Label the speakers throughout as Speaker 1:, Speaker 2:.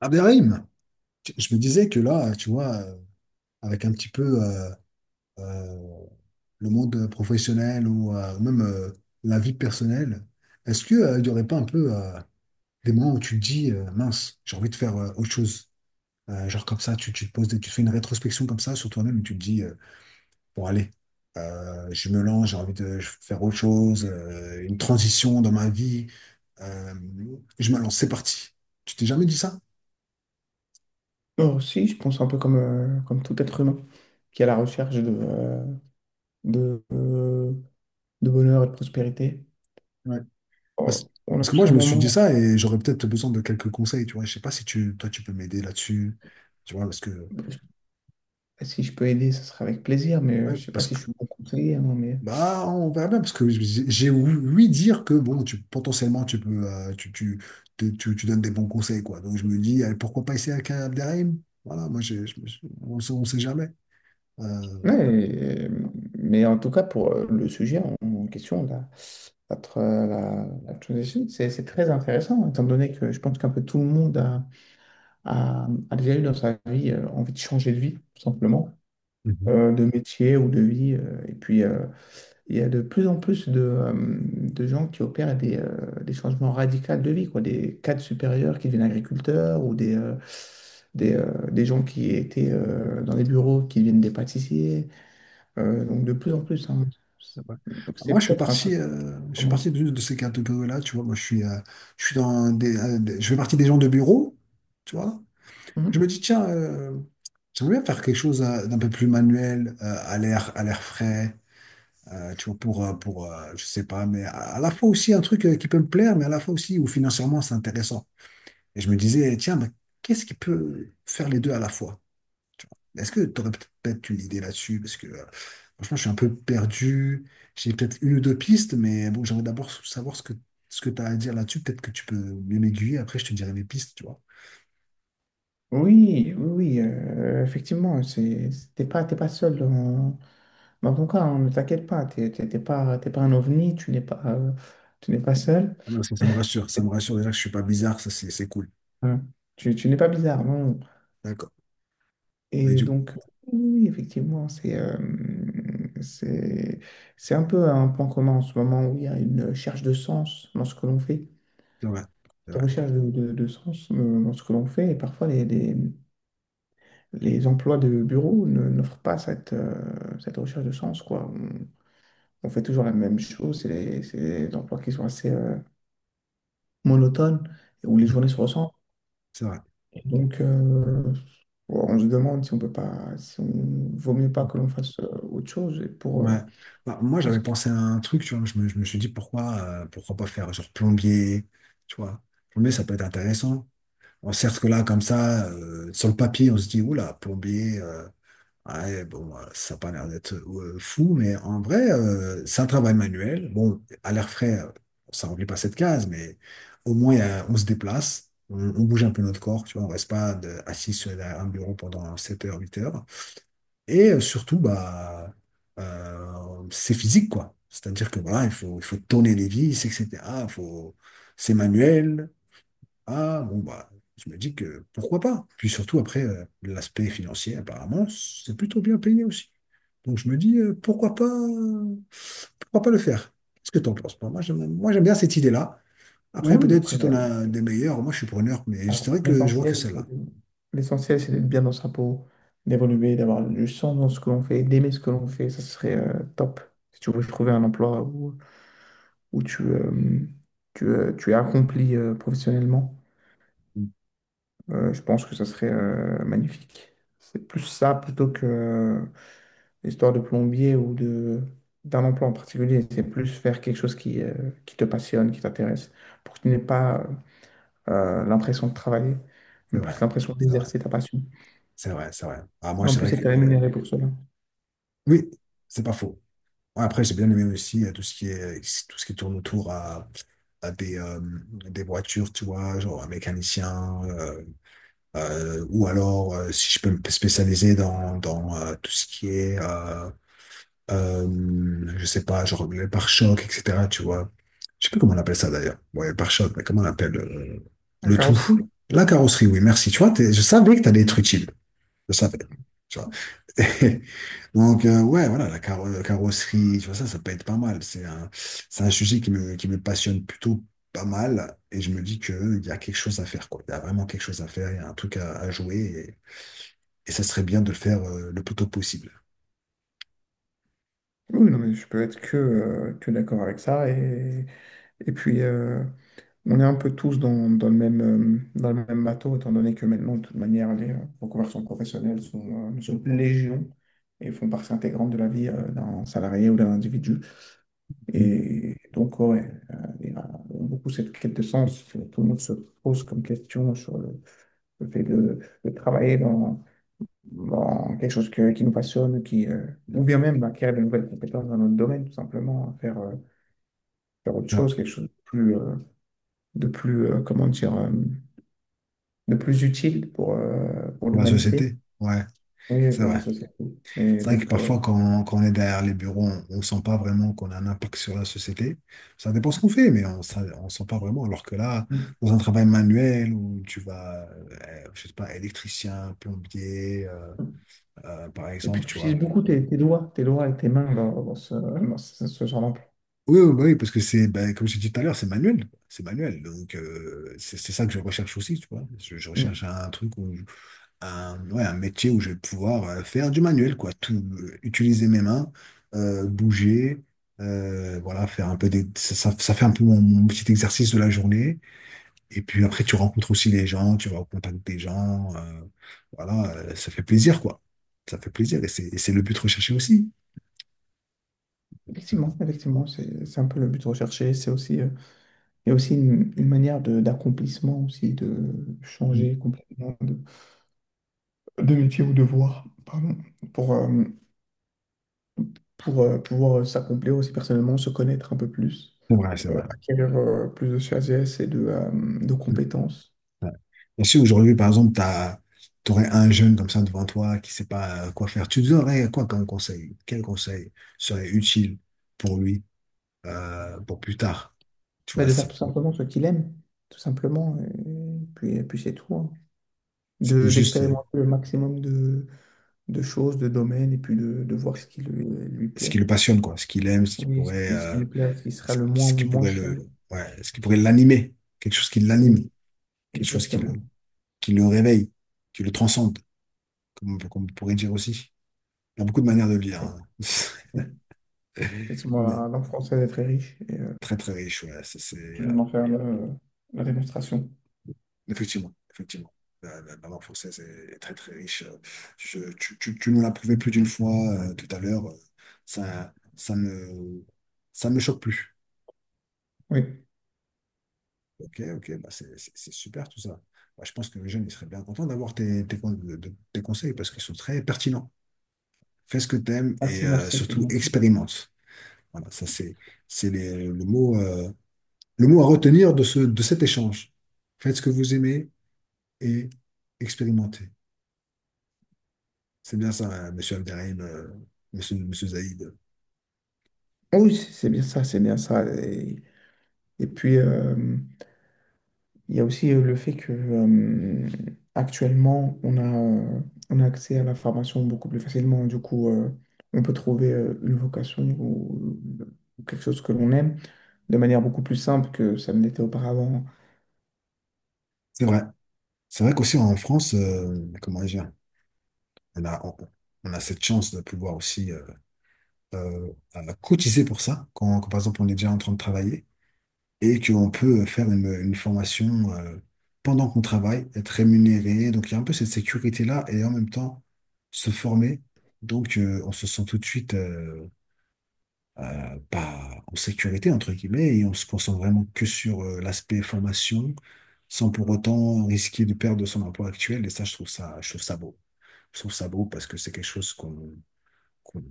Speaker 1: Abderrahim, je me disais que là, tu vois, avec un petit peu euh, le monde professionnel ou même la vie personnelle, est-ce que il n'y aurait pas un peu des moments où tu te dis, mince, j'ai envie de faire autre chose? Genre comme ça, tu te poses, tu fais une rétrospection comme ça sur toi-même et tu te dis, pour aller. Je me lance, j'ai envie de faire autre chose, une transition dans ma vie. Euh, je me lance, c'est parti. Tu t'es jamais dit ça?
Speaker 2: Non, si, je pense un peu comme, comme tout être humain qui est à la recherche de, euh, de bonheur et de prospérité.
Speaker 1: Ouais.
Speaker 2: On
Speaker 1: Parce,
Speaker 2: on a
Speaker 1: parce que moi,
Speaker 2: tous un
Speaker 1: je me suis dit
Speaker 2: moment,
Speaker 1: ça et j'aurais peut-être besoin de quelques conseils, tu vois. Je sais pas si toi, tu peux m'aider là-dessus, tu vois, parce que,
Speaker 2: je- si je peux aider, ce sera avec plaisir, mais
Speaker 1: ouais,
Speaker 2: je sais pas
Speaker 1: parce
Speaker 2: si je suis bon conseiller, hein, mais...
Speaker 1: bah, on verra bien, parce que j'ai ouï dire que bon, tu, potentiellement, tu peux, tu donnes des bons conseils, quoi. Donc, je me dis, allez, pourquoi pas essayer avec un Abderrahim? Voilà, moi, on ne sait, on sait jamais. Euh,
Speaker 2: Ouais, mais en tout cas, pour le sujet en question, la transition, c'est très intéressant, étant donné que je pense qu'un peu tout le monde a déjà eu dans sa vie envie de changer de vie, tout simplement,
Speaker 1: Mhm.
Speaker 2: de métier ou de vie. Et puis, il y a de plus en plus de gens qui opèrent des changements radicaux de vie, quoi. Des cadres supérieurs qui deviennent agriculteurs ou des gens qui étaient dans les bureaux qui deviennent des pâtissiers. Donc de plus en plus, hein.
Speaker 1: C'est vrai.
Speaker 2: Donc
Speaker 1: Bah,
Speaker 2: c'est
Speaker 1: moi,
Speaker 2: peut-être un truc.
Speaker 1: je fais partie de ces catégories-là, tu vois. Moi, je suis, je fais partie des gens de bureau, tu vois. Je me
Speaker 2: Mhm.
Speaker 1: dis, tiens, j'aimerais bien faire quelque chose d'un peu plus manuel, à l'air frais. Tu vois, pour je sais pas, à la fois aussi un truc qui peut me plaire, mais à la fois aussi où financièrement c'est intéressant. Et je me disais, tiens, mais qu'est-ce qui peut faire les deux à la fois? Est-ce que tu aurais peut-être une idée là-dessus? Parce que franchement, je suis un peu perdu. J'ai peut-être une ou deux pistes, mais bon, j'aimerais d'abord savoir ce que tu as à dire là-dessus. Peut-être que tu peux mieux m'aiguiller. Après, je te dirai mes pistes, tu vois.
Speaker 2: Oui, oui, oui, effectivement, c'est, t'es pas seul dans, dans ton cas, hein, ne t'inquiète pas, t'es pas un ovni, tu n'es pas seul.
Speaker 1: Ah non, ça me rassure. Ça me rassure déjà que je suis pas bizarre. Ça, c'est cool.
Speaker 2: Euh, tu n'es pas bizarre, non.
Speaker 1: D'accord. Et
Speaker 2: Et
Speaker 1: du
Speaker 2: donc, oui, effectivement, c'est c'est un peu un point commun en ce moment où il y a une recherche de sens dans ce que l'on fait,
Speaker 1: c'est vrai. C'est
Speaker 2: une
Speaker 1: vrai.
Speaker 2: recherche de sens dans ce que l'on fait. Et parfois, les emplois de bureau n'offrent pas cette, cette recherche de sens, quoi. On fait toujours la même chose, c'est les, c'est des emplois qui sont assez monotones, où les
Speaker 1: Mm.
Speaker 2: journées se ressemblent.
Speaker 1: C'est vrai.
Speaker 2: Et donc, on se demande si on peut pas, si on vaut mieux pas que l'on fasse autre chose. Et pour, euh...
Speaker 1: Ouais. Bah, moi, j'avais pensé à un truc, tu vois. Je me suis dit pourquoi pas faire genre plombier, tu vois. Plombier, ça peut être intéressant. On certes que là, comme ça, sur le papier, on se dit, oula, plombier, ouais, bon, ça n'a pas l'air d'être fou, mais en vrai, c'est un travail manuel. Bon, à l'air frais, ça remplit pas cette case, mais au moins, on se déplace, on bouge un peu notre corps, tu vois. On reste pas assis sur un bureau pendant 7 heures, 8 heures. Et surtout, bah, c'est physique, quoi. C'est-à-dire que voilà, il faut tourner les vis, etc. Il faut... C'est manuel. Ah, bon, bah, je me dis que pourquoi pas. Puis surtout, après, l'aspect financier, apparemment, c'est plutôt bien payé aussi. Donc je me dis, pourquoi pas le faire? Qu'est-ce que tu en penses? Moi, j'aime bien cette idée-là.
Speaker 2: Oui,
Speaker 1: Après,
Speaker 2: oui,
Speaker 1: peut-être
Speaker 2: après,
Speaker 1: si tu en as des meilleurs, moi, je suis preneur, mais
Speaker 2: alors,
Speaker 1: c'est vrai que je vois que celle-là.
Speaker 2: l'essentiel, c'est d'être bien dans sa peau, d'évoluer, d'avoir du sens dans ce que l'on fait, d'aimer ce que l'on fait, ça serait top. Si tu veux trouver un emploi où, où tu es accompli professionnellement,
Speaker 1: Mmh.
Speaker 2: je pense que ça serait magnifique. C'est plus ça plutôt que l'histoire de plombier ou de, d'un emploi en particulier. C'est plus faire quelque chose qui te passionne, qui t'intéresse, pour que tu n'aies pas l'impression de travailler,
Speaker 1: C'est
Speaker 2: mais plus
Speaker 1: vrai,
Speaker 2: l'impression
Speaker 1: c'est vrai,
Speaker 2: d'exercer ta passion.
Speaker 1: c'est vrai. Ah,
Speaker 2: Et
Speaker 1: moi,
Speaker 2: en
Speaker 1: c'est vrai
Speaker 2: plus,
Speaker 1: que
Speaker 2: être
Speaker 1: euh,
Speaker 2: rémunéré pour cela.
Speaker 1: oui, c'est pas faux. Après, j'ai bien aimé aussi tout ce qui tourne autour à des voitures, tu vois, genre un mécanicien, ou alors si je peux me spécialiser dans tout ce qui est, je sais pas, genre les pare-chocs, etc., tu vois. Je sais plus comment on appelle ça d'ailleurs. Ouais, les pare-chocs, mais comment on appelle
Speaker 2: La
Speaker 1: le tout?
Speaker 2: carrosserie?
Speaker 1: La carrosserie, oui, merci. Tu vois, je savais que t'allais être utile. Je savais. Tu vois. Donc, ouais, voilà, la carrosserie, tu vois, ça peut être pas mal. C'est un sujet qui me passionne plutôt pas mal. Et je me dis qu'il y a quelque chose à faire, quoi. Il y a vraiment quelque chose à faire, il y a un truc à jouer. Et ça serait bien de le faire le plus tôt possible.
Speaker 2: Oui, non, mais je peux être que d'accord avec ça. Et puis, on est un peu tous dans, dans le même bateau, étant donné que maintenant, de toute manière, les reconversions professionnelles sont, sont légion et font partie intégrante de la vie d'un salarié ou d'un individu.
Speaker 1: Mhm.
Speaker 2: Et donc, ouais, il y a beaucoup cette quête de sens. Que Tout le monde se pose comme question sur le fait de travailler dans bon, qui nous passionne, qui, euh... Ou bien même bah, acquérir de nouvelles compétences dans notre domaine, tout simplement, faire, faire autre
Speaker 1: Ah,
Speaker 2: chose, quelque chose de plus, comment dire, de plus utile pour
Speaker 1: pour la
Speaker 2: l'humanité,
Speaker 1: société, ouais,
Speaker 2: oui,
Speaker 1: c'est
Speaker 2: pour la
Speaker 1: vrai.
Speaker 2: société. Mais
Speaker 1: C'est vrai que
Speaker 2: donc, euh...
Speaker 1: parfois, quand on est derrière les bureaux, on ne sent pas vraiment qu'on a un impact sur la société. Ça dépend ce qu'on fait, mais on ne sent pas vraiment. Alors que là, dans un travail manuel où tu vas, je sais pas, électricien, plombier, par
Speaker 2: Et puis,
Speaker 1: exemple,
Speaker 2: tu
Speaker 1: tu
Speaker 2: utilises
Speaker 1: vois.
Speaker 2: beaucoup tes, tes doigts et tes mains dans, dans ce, ce genre d'emploi.
Speaker 1: Oui, oui, bah oui, parce que c'est, bah, comme j'ai dit tout à l'heure, c'est manuel. C'est manuel. Donc, c'est ça que je recherche aussi, tu vois. Je recherche
Speaker 2: Mm.
Speaker 1: un truc où ouais, un métier où je vais pouvoir faire du manuel, quoi. Tout, utiliser mes mains, bouger, voilà, faire un peu ça fait un peu mon petit exercice de la journée. Et puis après, tu rencontres aussi les gens, tu vas au contact des gens, voilà, ça fait plaisir, quoi. Ça fait plaisir et c'est le but recherché aussi.
Speaker 2: Effectivement, effectivement, c'est un peu le but recherché. C'est aussi, il y a aussi une manière de, d'accomplissement aussi, de
Speaker 1: Mm.
Speaker 2: changer complètement de métier ou devoir, pardon, pour, euh, pour pouvoir s'accomplir aussi personnellement, se connaître un peu plus,
Speaker 1: C'est vrai, c'est vrai.
Speaker 2: acquérir plus de sagesse et de compétences.
Speaker 1: Ouais. Bien sûr, aujourd'hui, par exemple, t'aurais un jeune comme ça devant toi qui sait pas quoi faire. Tu lui donnerais quoi comme conseil? Quel conseil serait utile pour lui, pour plus tard? Tu
Speaker 2: Bah,
Speaker 1: vois,
Speaker 2: de faire
Speaker 1: c'est
Speaker 2: tout simplement ce qu'il aime, tout simplement, et puis c'est tout, hein.
Speaker 1: c'est
Speaker 2: De,
Speaker 1: juste euh,
Speaker 2: d'expérimenter le maximum de choses, de domaines, et puis de voir ce qui lui, lui
Speaker 1: ce qui
Speaker 2: plaît.
Speaker 1: le passionne, quoi, ce qu'il aime,
Speaker 2: Oui, ce qui lui plaît, ce qui sera
Speaker 1: ce
Speaker 2: le
Speaker 1: qui
Speaker 2: moins
Speaker 1: pourrait
Speaker 2: chiant.
Speaker 1: ouais, ce qui pourrait l'animer, quelque chose qui
Speaker 2: Oui,
Speaker 1: l'anime, quelque chose qui
Speaker 2: exactement.
Speaker 1: qui le réveille, qui le transcende, comme on pourrait dire aussi. Il y a beaucoup de manières de lire, hein.
Speaker 2: Oui, effectivement,
Speaker 1: Mais
Speaker 2: la langue française est très riche.
Speaker 1: très très riche, ouais.
Speaker 2: Je viens d'en faire la démonstration.
Speaker 1: Effectivement, effectivement. La langue française est très très riche. Tu nous l'as prouvé plus d'une fois tout à l'heure. Ça, ça ne, ça ne me choque plus.
Speaker 2: Oui.
Speaker 1: Ok, ok, bah c'est super tout ça. Bah, je pense que les jeunes, ils seraient bien contents d'avoir tes conseils parce qu'ils sont très pertinents. Fais ce que tu aimes et
Speaker 2: Merci, merci, c'est
Speaker 1: surtout
Speaker 2: gentil.
Speaker 1: expérimente. Voilà, ça c'est les- le mot à retenir de cet échange. Faites ce que vous aimez et expérimentez. C'est bien ça, monsieur Abderrahim, monsieur Zaïd.
Speaker 2: Ah oui, c'est bien ça, c'est bien ça. Et puis, il y a aussi le fait que actuellement, on a accès à l'information beaucoup plus facilement. Du coup, on peut trouver une vocation ou quelque chose que l'on aime de manière beaucoup plus simple que ça ne l'était auparavant.
Speaker 1: C'est vrai. C'est vrai qu'aussi en France, comment dire, on a, on, on a cette chance de pouvoir aussi cotiser pour ça, par exemple on est déjà en train de travailler et qu'on peut faire une formation pendant qu'on travaille, être rémunéré. Donc il y a un peu cette sécurité-là et en même temps se former. Donc on se sent tout de suite pas en sécurité, entre guillemets, et on se concentre vraiment que sur l'aspect formation, sans pour autant risquer de perdre son emploi actuel. Et ça, je trouve ça beau. Je trouve ça beau parce que c'est quelque chose qu'on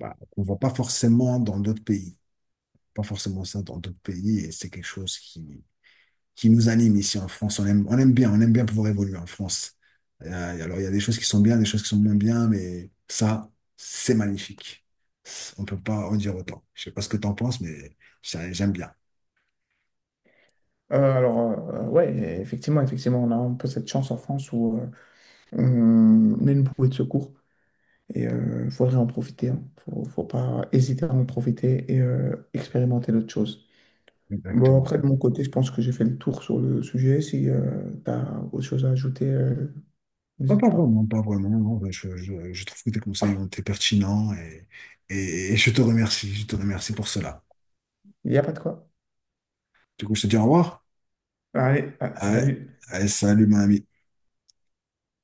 Speaker 1: bah, qu'on voit pas forcément dans d'autres pays. Pas forcément ça dans d'autres pays, et c'est quelque chose qui nous anime ici en France. On aime bien pouvoir évoluer en France. Euh, alors, il y a des choses qui sont bien, des choses qui sont moins bien, mais ça, c'est magnifique. On peut pas en dire autant. Je sais pas ce que tu en penses, mais ça, j'aime bien.
Speaker 2: Alors, ouais, effectivement, effectivement, on a un peu cette chance en France où on on est une bouée de secours. Et il faudrait en profiter, hein. Faut, faut pas hésiter à en profiter et expérimenter d'autres choses. Bon,
Speaker 1: Exactement.
Speaker 2: après, de mon côté, je pense que j'ai fait le tour sur le sujet. Si tu as autre chose à ajouter, n'hésite
Speaker 1: Pas
Speaker 2: pas.
Speaker 1: vraiment, pas vraiment. Non. Enfin, je trouve que tes conseils ont été pertinents et je te remercie. Je te remercie pour cela.
Speaker 2: Il n'y a pas de quoi.
Speaker 1: Du coup, je te dis au revoir.
Speaker 2: Allez, ah,
Speaker 1: Ah,
Speaker 2: salut.
Speaker 1: ah, salut, mon ami.